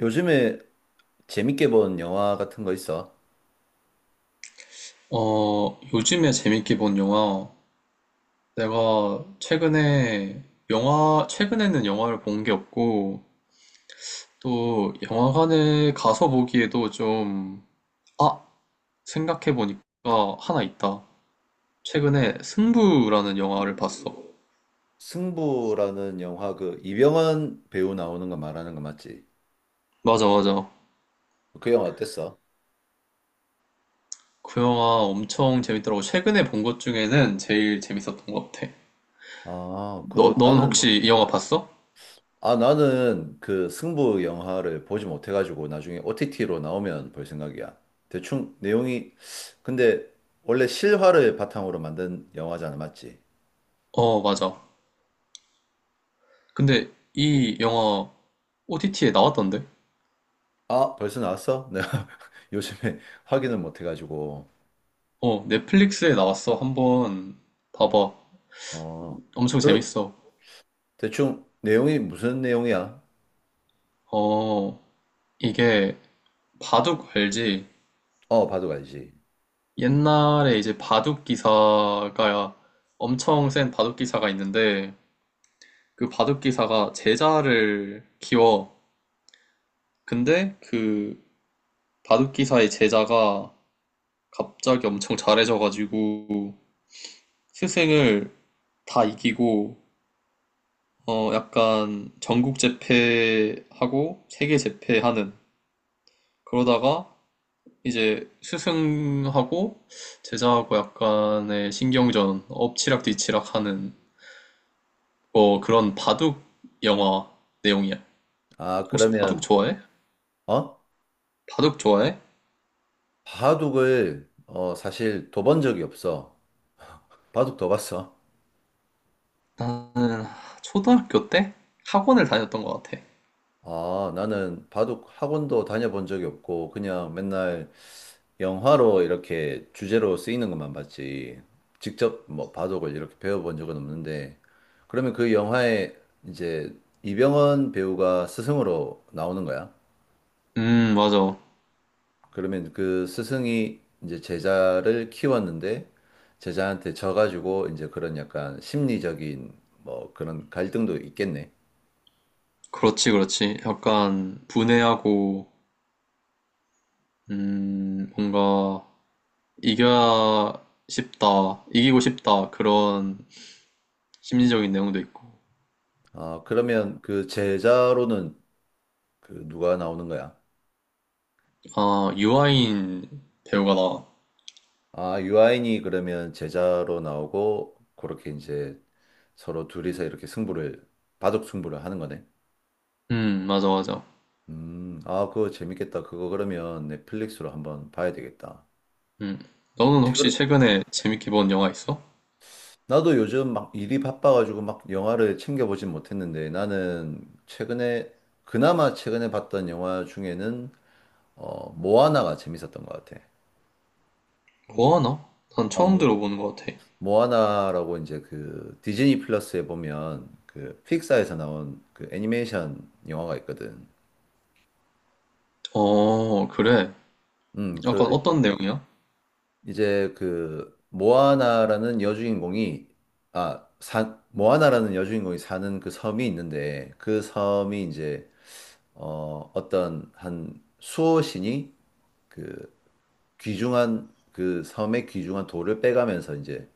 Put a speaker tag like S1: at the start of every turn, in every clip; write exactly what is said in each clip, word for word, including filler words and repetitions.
S1: 요즘에 재밌게 본 영화 같은 거 있어?
S2: 어, 요즘에 재밌게 본 영화, 내가 최근에 영화, 최근에는 영화를 본 게 없고, 또 영화관에 가서 보기에도 좀, 아, 생각해보니까 하나 있다. 최근에 승부라는 영화를 봤어.
S1: 승부라는 영화 그 이병헌 배우 나오는 거 말하는 거 맞지?
S2: 맞아, 맞아.
S1: 그 영화 어땠어?
S2: 그 영화 엄청 재밌더라고. 최근에 본 것 중에는 제일 재밌었던 것 같아.
S1: 아, 그
S2: 너, 넌
S1: 나는
S2: 혹시 이 영화 봤어?
S1: 아 나는 그 승부 영화를 보지 못해 가지고 나중에 오티티로 나오면 볼 생각이야. 대충 내용이 근데 원래 실화를 바탕으로 만든 영화잖아, 맞지?
S2: 어, 맞아. 근데 이 영화 오티티에 나왔던데?
S1: 아, 벌써 나왔어? 내가 요즘에 확인을 못해 가지고.
S2: 어, 넷플릭스에 나왔어. 한번 봐봐.
S1: 어.
S2: 엄청
S1: 그
S2: 재밌어.
S1: 대충 내용이 무슨 내용이야?
S2: 어, 이게 바둑 알지?
S1: 어, 바둑 알지.
S2: 옛날에 이제 바둑 기사가 엄청 센 바둑 기사가 있는데 그 바둑 기사가 제자를 키워. 근데 그 바둑 기사의 제자가 갑자기 엄청 잘해져가지고 스승을 다 이기고 어 약간 전국 제패하고 세계 제패하는 그러다가 이제 스승하고 제자하고 약간의 신경전, 엎치락뒤치락 하는 뭐 그런 바둑 영화 내용이야.
S1: 아,
S2: 혹시 바둑
S1: 그러면,
S2: 좋아해?
S1: 어?
S2: 바둑 좋아해?
S1: 바둑을, 어, 사실 둬본 적이 없어. 바둑 둬 봤어?
S2: 나는 초등학교 때 학원을 다녔던 것 같아.
S1: 아, 나는 바둑 학원도 다녀본 적이 없고, 그냥 맨날 영화로 이렇게 주제로 쓰이는 것만 봤지. 직접 뭐 바둑을 이렇게 배워본 적은 없는데, 그러면 그 영화에 이제 이병헌 배우가 스승으로 나오는 거야?
S2: 음, 맞아.
S1: 그러면 그 스승이 이제 제자를 키웠는데 제자한테 져가지고 이제 그런 약간 심리적인 뭐 그런 갈등도 있겠네.
S2: 그렇지, 그렇지. 약간 분해하고, 음, 뭔가 이겨야 싶다, 이기고 싶다, 그런 심리적인 내용도 있고.
S1: 아, 그러면 그 제자로는 그 누가 나오는 거야?
S2: 아, 유아인 배우가 나와.
S1: 아, 유아인이 그러면 제자로 나오고 그렇게 이제 서로 둘이서 이렇게 승부를 바둑 승부를 하는 거네.
S2: 음, 맞아, 맞아.
S1: 음, 아, 그거 재밌겠다. 그거 그러면 넷플릭스로 한번 봐야 되겠다.
S2: 음. 너는
S1: 혹시,
S2: 혹시
S1: 그,
S2: 최근에 재밌게 본 영화 있어?
S1: 나도 요즘 막 일이 바빠가지고 막 영화를 챙겨보진 못했는데 나는 최근에 그나마 최근에 봤던 영화 중에는 어 모아나가 재밌었던 것 같아.
S2: 뭐 하나? 난
S1: 어
S2: 처음
S1: 뭐,
S2: 들어보는 것 같아.
S1: 모아나라고 이제 그 디즈니 플러스에 보면 그 픽사에서 나온 그 애니메이션 영화가 있거든.
S2: 어, 그래.
S1: 음 그
S2: 약간 어떤 내용이야?
S1: 이제 그 모아나라는 여주인공이 아 사, 모아나라는 여주인공이 사는 그 섬이 있는데 그 섬이 이제 어, 어떤 한 수호신이 그 귀중한 그 섬의 귀중한 돌을 빼가면서 이제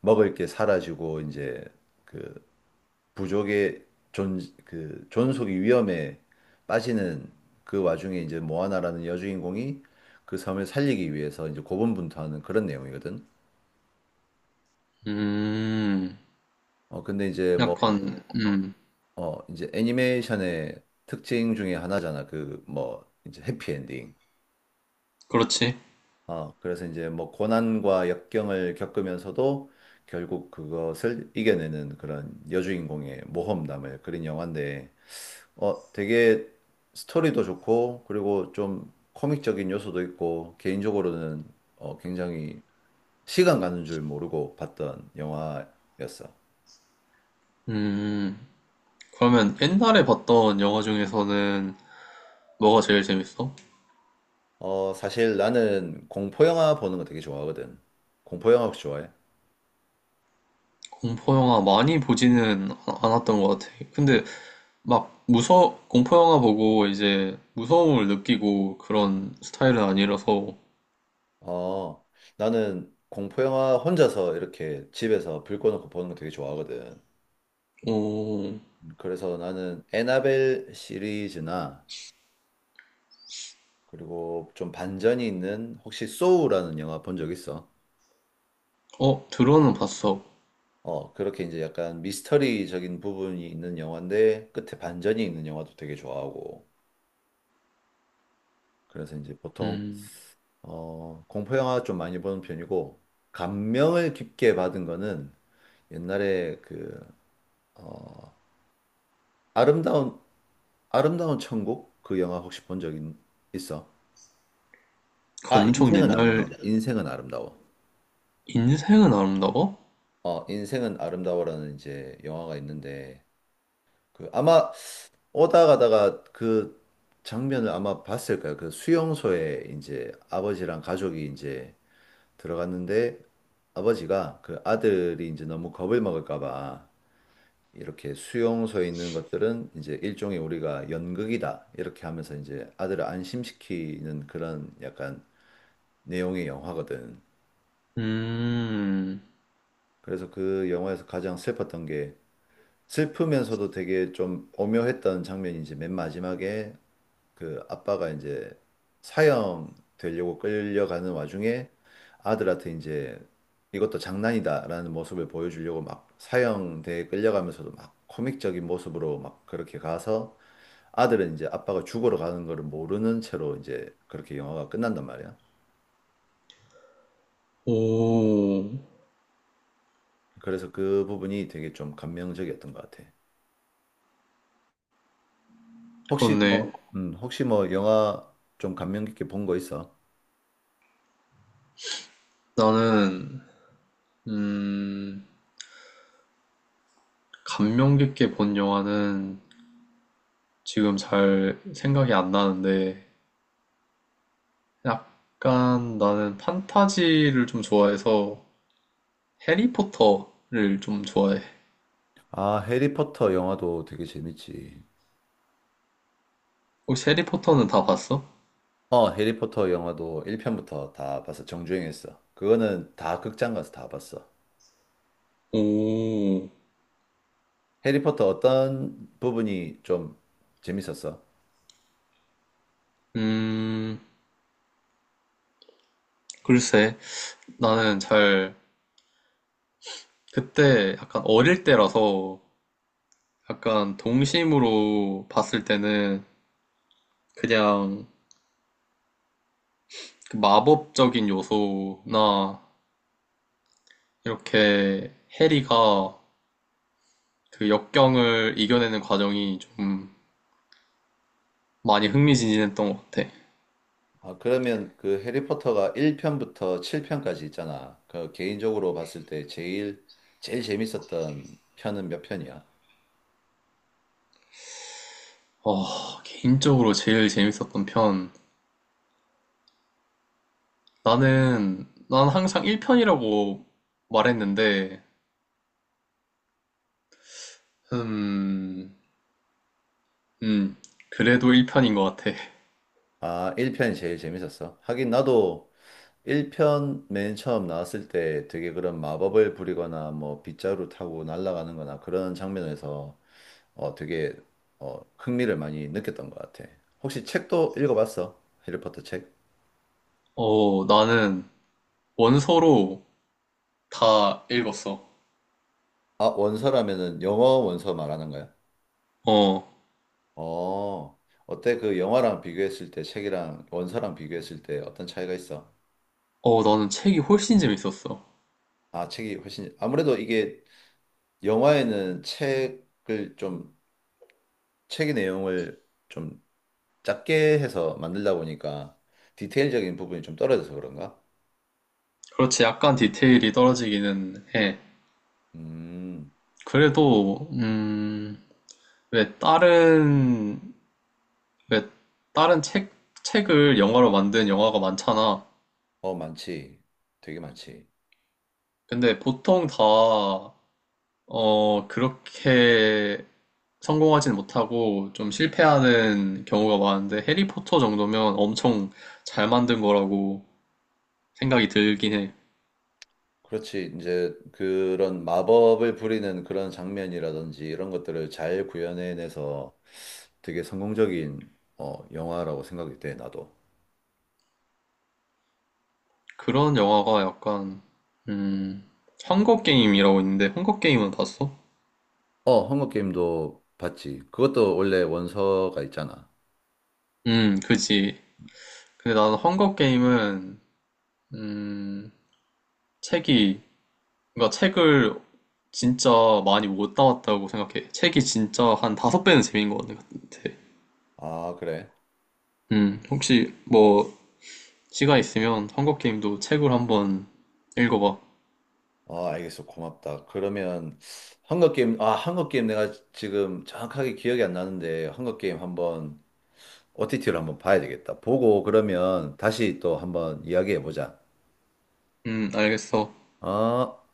S1: 먹을 게 사라지고 이제 그 부족의 존, 그 존속이 위험에 빠지는 그 와중에 이제 모아나라는 여주인공이 그 섬을 살리기 위해서 이제 고군분투하는 그런 내용이거든.
S2: 음,
S1: 어, 근데 이제 뭐,
S2: 약간, 음,
S1: 어, 이제 애니메이션의 특징 중에 하나잖아. 그 뭐, 이제 해피엔딩.
S2: 그렇지.
S1: 어, 그래서 이제 뭐 고난과 역경을 겪으면서도 결국 그것을 이겨내는 그런 여주인공의 모험담을 그린 영화인데, 어, 되게 스토리도 좋고, 그리고 좀 코믹적인 요소도 있고, 개인적으로는 어, 굉장히 시간 가는 줄 모르고 봤던 영화였어.
S2: 음, 그러면 옛날에 봤던 영화 중에서는 뭐가 제일 재밌어?
S1: 어, 사실 나는 공포 영화 보는 거 되게 좋아하거든. 공포 영화 혹시 좋아해?
S2: 공포 영화 많이 보지는 아- 않았던 것 같아. 근데 막 무서, 공포 영화 보고 이제 무서움을 느끼고 그런 스타일은 아니라서,
S1: 어, 나는 공포 영화 혼자서 이렇게 집에서 불 꺼놓고 보는 거 되게 좋아하거든.
S2: 오,
S1: 그래서 나는 애나벨 시리즈나 그리고 좀 반전이 있는 혹시 소우라는 영화 본 적 있어?
S2: 어, 들어는 봤어.
S1: 어, 그렇게 이제 약간 미스터리적인 부분이 있는 영화인데 끝에 반전이 있는 영화도 되게 좋아하고. 그래서 이제 보통
S2: 음,
S1: 어, 공포 영화 좀 많이 보는 편이고 감명을 깊게 받은 거는 옛날에 그 어, 아름다운 아름다운 천국? 그 영화 혹시 본 적 있어?
S2: 그
S1: 아,
S2: 엄청
S1: 인생은
S2: 옛날
S1: 아름다워. 인생은 아름다워.
S2: 인생은 아름다워?
S1: 어, 인생은 아름다워라는 이제 영화가 있는데 그 아마 오다 가다가 그 장면을 아마 봤을 거야. 그 수용소에 이제 아버지랑 가족이 이제 들어갔는데 아버지가 그 아들이 이제 너무 겁을 먹을까 봐 이렇게 수용소에 있는 것들은 이제 일종의 우리가 연극이다. 이렇게 하면서 이제 아들을 안심시키는 그런 약간 내용의 영화거든.
S2: 음,
S1: 그래서 그 영화에서 가장 슬펐던 게 슬프면서도 되게 좀 오묘했던 장면이 이제 맨 마지막에 그 아빠가 이제 사형 되려고 끌려가는 와중에 아들한테 이제 이것도 장난이다라는 모습을 보여주려고 막 사형대에 끌려가면서도 막 코믹적인 모습으로 막 그렇게 가서 아들은 이제 아빠가 죽으러 가는 거를 모르는 채로 이제 그렇게 영화가 끝난단 말이야.
S2: 오,
S1: 그래서 그 부분이 되게 좀 감명적이었던 것 같아. 혹시
S2: 그렇네.
S1: 뭐, 음, 혹시 뭐 영화 좀 감명 깊게 본 거 있어?
S2: 나는, 음, 감명 깊게 본 영화는 지금 잘 생각이 안 나는데, 약간 나는 판타지를 좀 좋아해서 해리포터를 좀 좋아해.
S1: 아, 해리포터 영화도 되게 재밌지.
S2: 혹시 해리포터는 다 봤어?
S1: 어, 해리포터 영화도 일 편부터 다 봤어. 정주행했어. 그거는 다 극장 가서 다 봤어.
S2: 오,
S1: 해리포터 어떤 부분이 좀 재밌었어?
S2: 음, 글쎄, 나는 잘 그때 약간 어릴 때라서 약간 동심으로 봤을 때는 그냥 그 마법적인 요소나 이렇게 해리가 그 역경을 이겨내는 과정이 좀 많이 흥미진진했던 것 같아.
S1: 아, 그러면 그 해리포터가 일 편부터 칠 편까지 있잖아. 그 개인적으로 봤을 때 제일, 제일 재밌었던 편은 몇 편이야?
S2: 아, 개인적으로 제일 재밌었던 편. 나는, 난 항상 일 편이라고 말했는데, 음, 음, 그래도 일 편인 것 같아.
S1: 아, 일 편이 제일 재밌었어. 하긴 나도 일 편 맨 처음 나왔을 때 되게 그런 마법을 부리거나 뭐 빗자루 타고 날아가는 거나 그런 장면에서 어 되게 어 흥미를 많이 느꼈던 것 같아. 혹시 책도 읽어봤어? 해리포터 책?
S2: 어, 나는 원서로 다 읽었어.
S1: 아, 원서라면은 영어 원서 말하는 거야?
S2: 어,
S1: 어, 어때? 그 영화랑 비교했을 때 책이랑 원서랑 비교했을 때 어떤 차이가 있어?
S2: 어, 나는 책이 훨씬 재밌었어.
S1: 아, 책이 훨씬 아무래도 이게 영화에는 책을 좀 책의 내용을 좀 작게 해서 만들다 보니까 디테일적인 부분이 좀 떨어져서 그런가?
S2: 그렇지, 약간 디테일이 떨어지기는 해.
S1: 음,
S2: 그래도, 음, 왜 다른, 왜 다른 책, 책을 영화로 만든 영화가 많잖아.
S1: 어, 많지. 되게 많지.
S2: 근데 보통 다, 어, 그렇게 성공하진 못하고 좀 실패하는 경우가 많은데, 해리포터 정도면 엄청 잘 만든 거라고 생각이 들긴 해.
S1: 그렇지. 이제 그런 마법을 부리는 그런 장면이라든지 이런 것들을 잘 구현해내서 되게 성공적인 어, 영화라고 생각이 돼, 나도.
S2: 그런 영화가 약간 음 헝거 게임이라고 있는데 헝거 게임은 봤어?
S1: 어, 헝거 게임도 봤지. 그것도 원래 원서가 있잖아.
S2: 음 그지. 근데 나는 헝거 게임은 음 책이 그러니까 책을 진짜 많이 못 담았다고 생각해. 책이 진짜 한 다섯 배는 재미인 것 같아.
S1: 아, 그래.
S2: 음 혹시 뭐 시간 있으면 헝거 게임도 책을 한번 읽어봐.
S1: 어, 알겠어. 고맙다. 그러면 헝거 게임, 아, 헝거 게임 내가 지금 정확하게 기억이 안 나는데 헝거 게임 한번 오티티로 한번 봐야 되겠다. 보고 그러면 다시 또 한번 이야기해 보자.
S2: 음 알겠어.
S1: 어?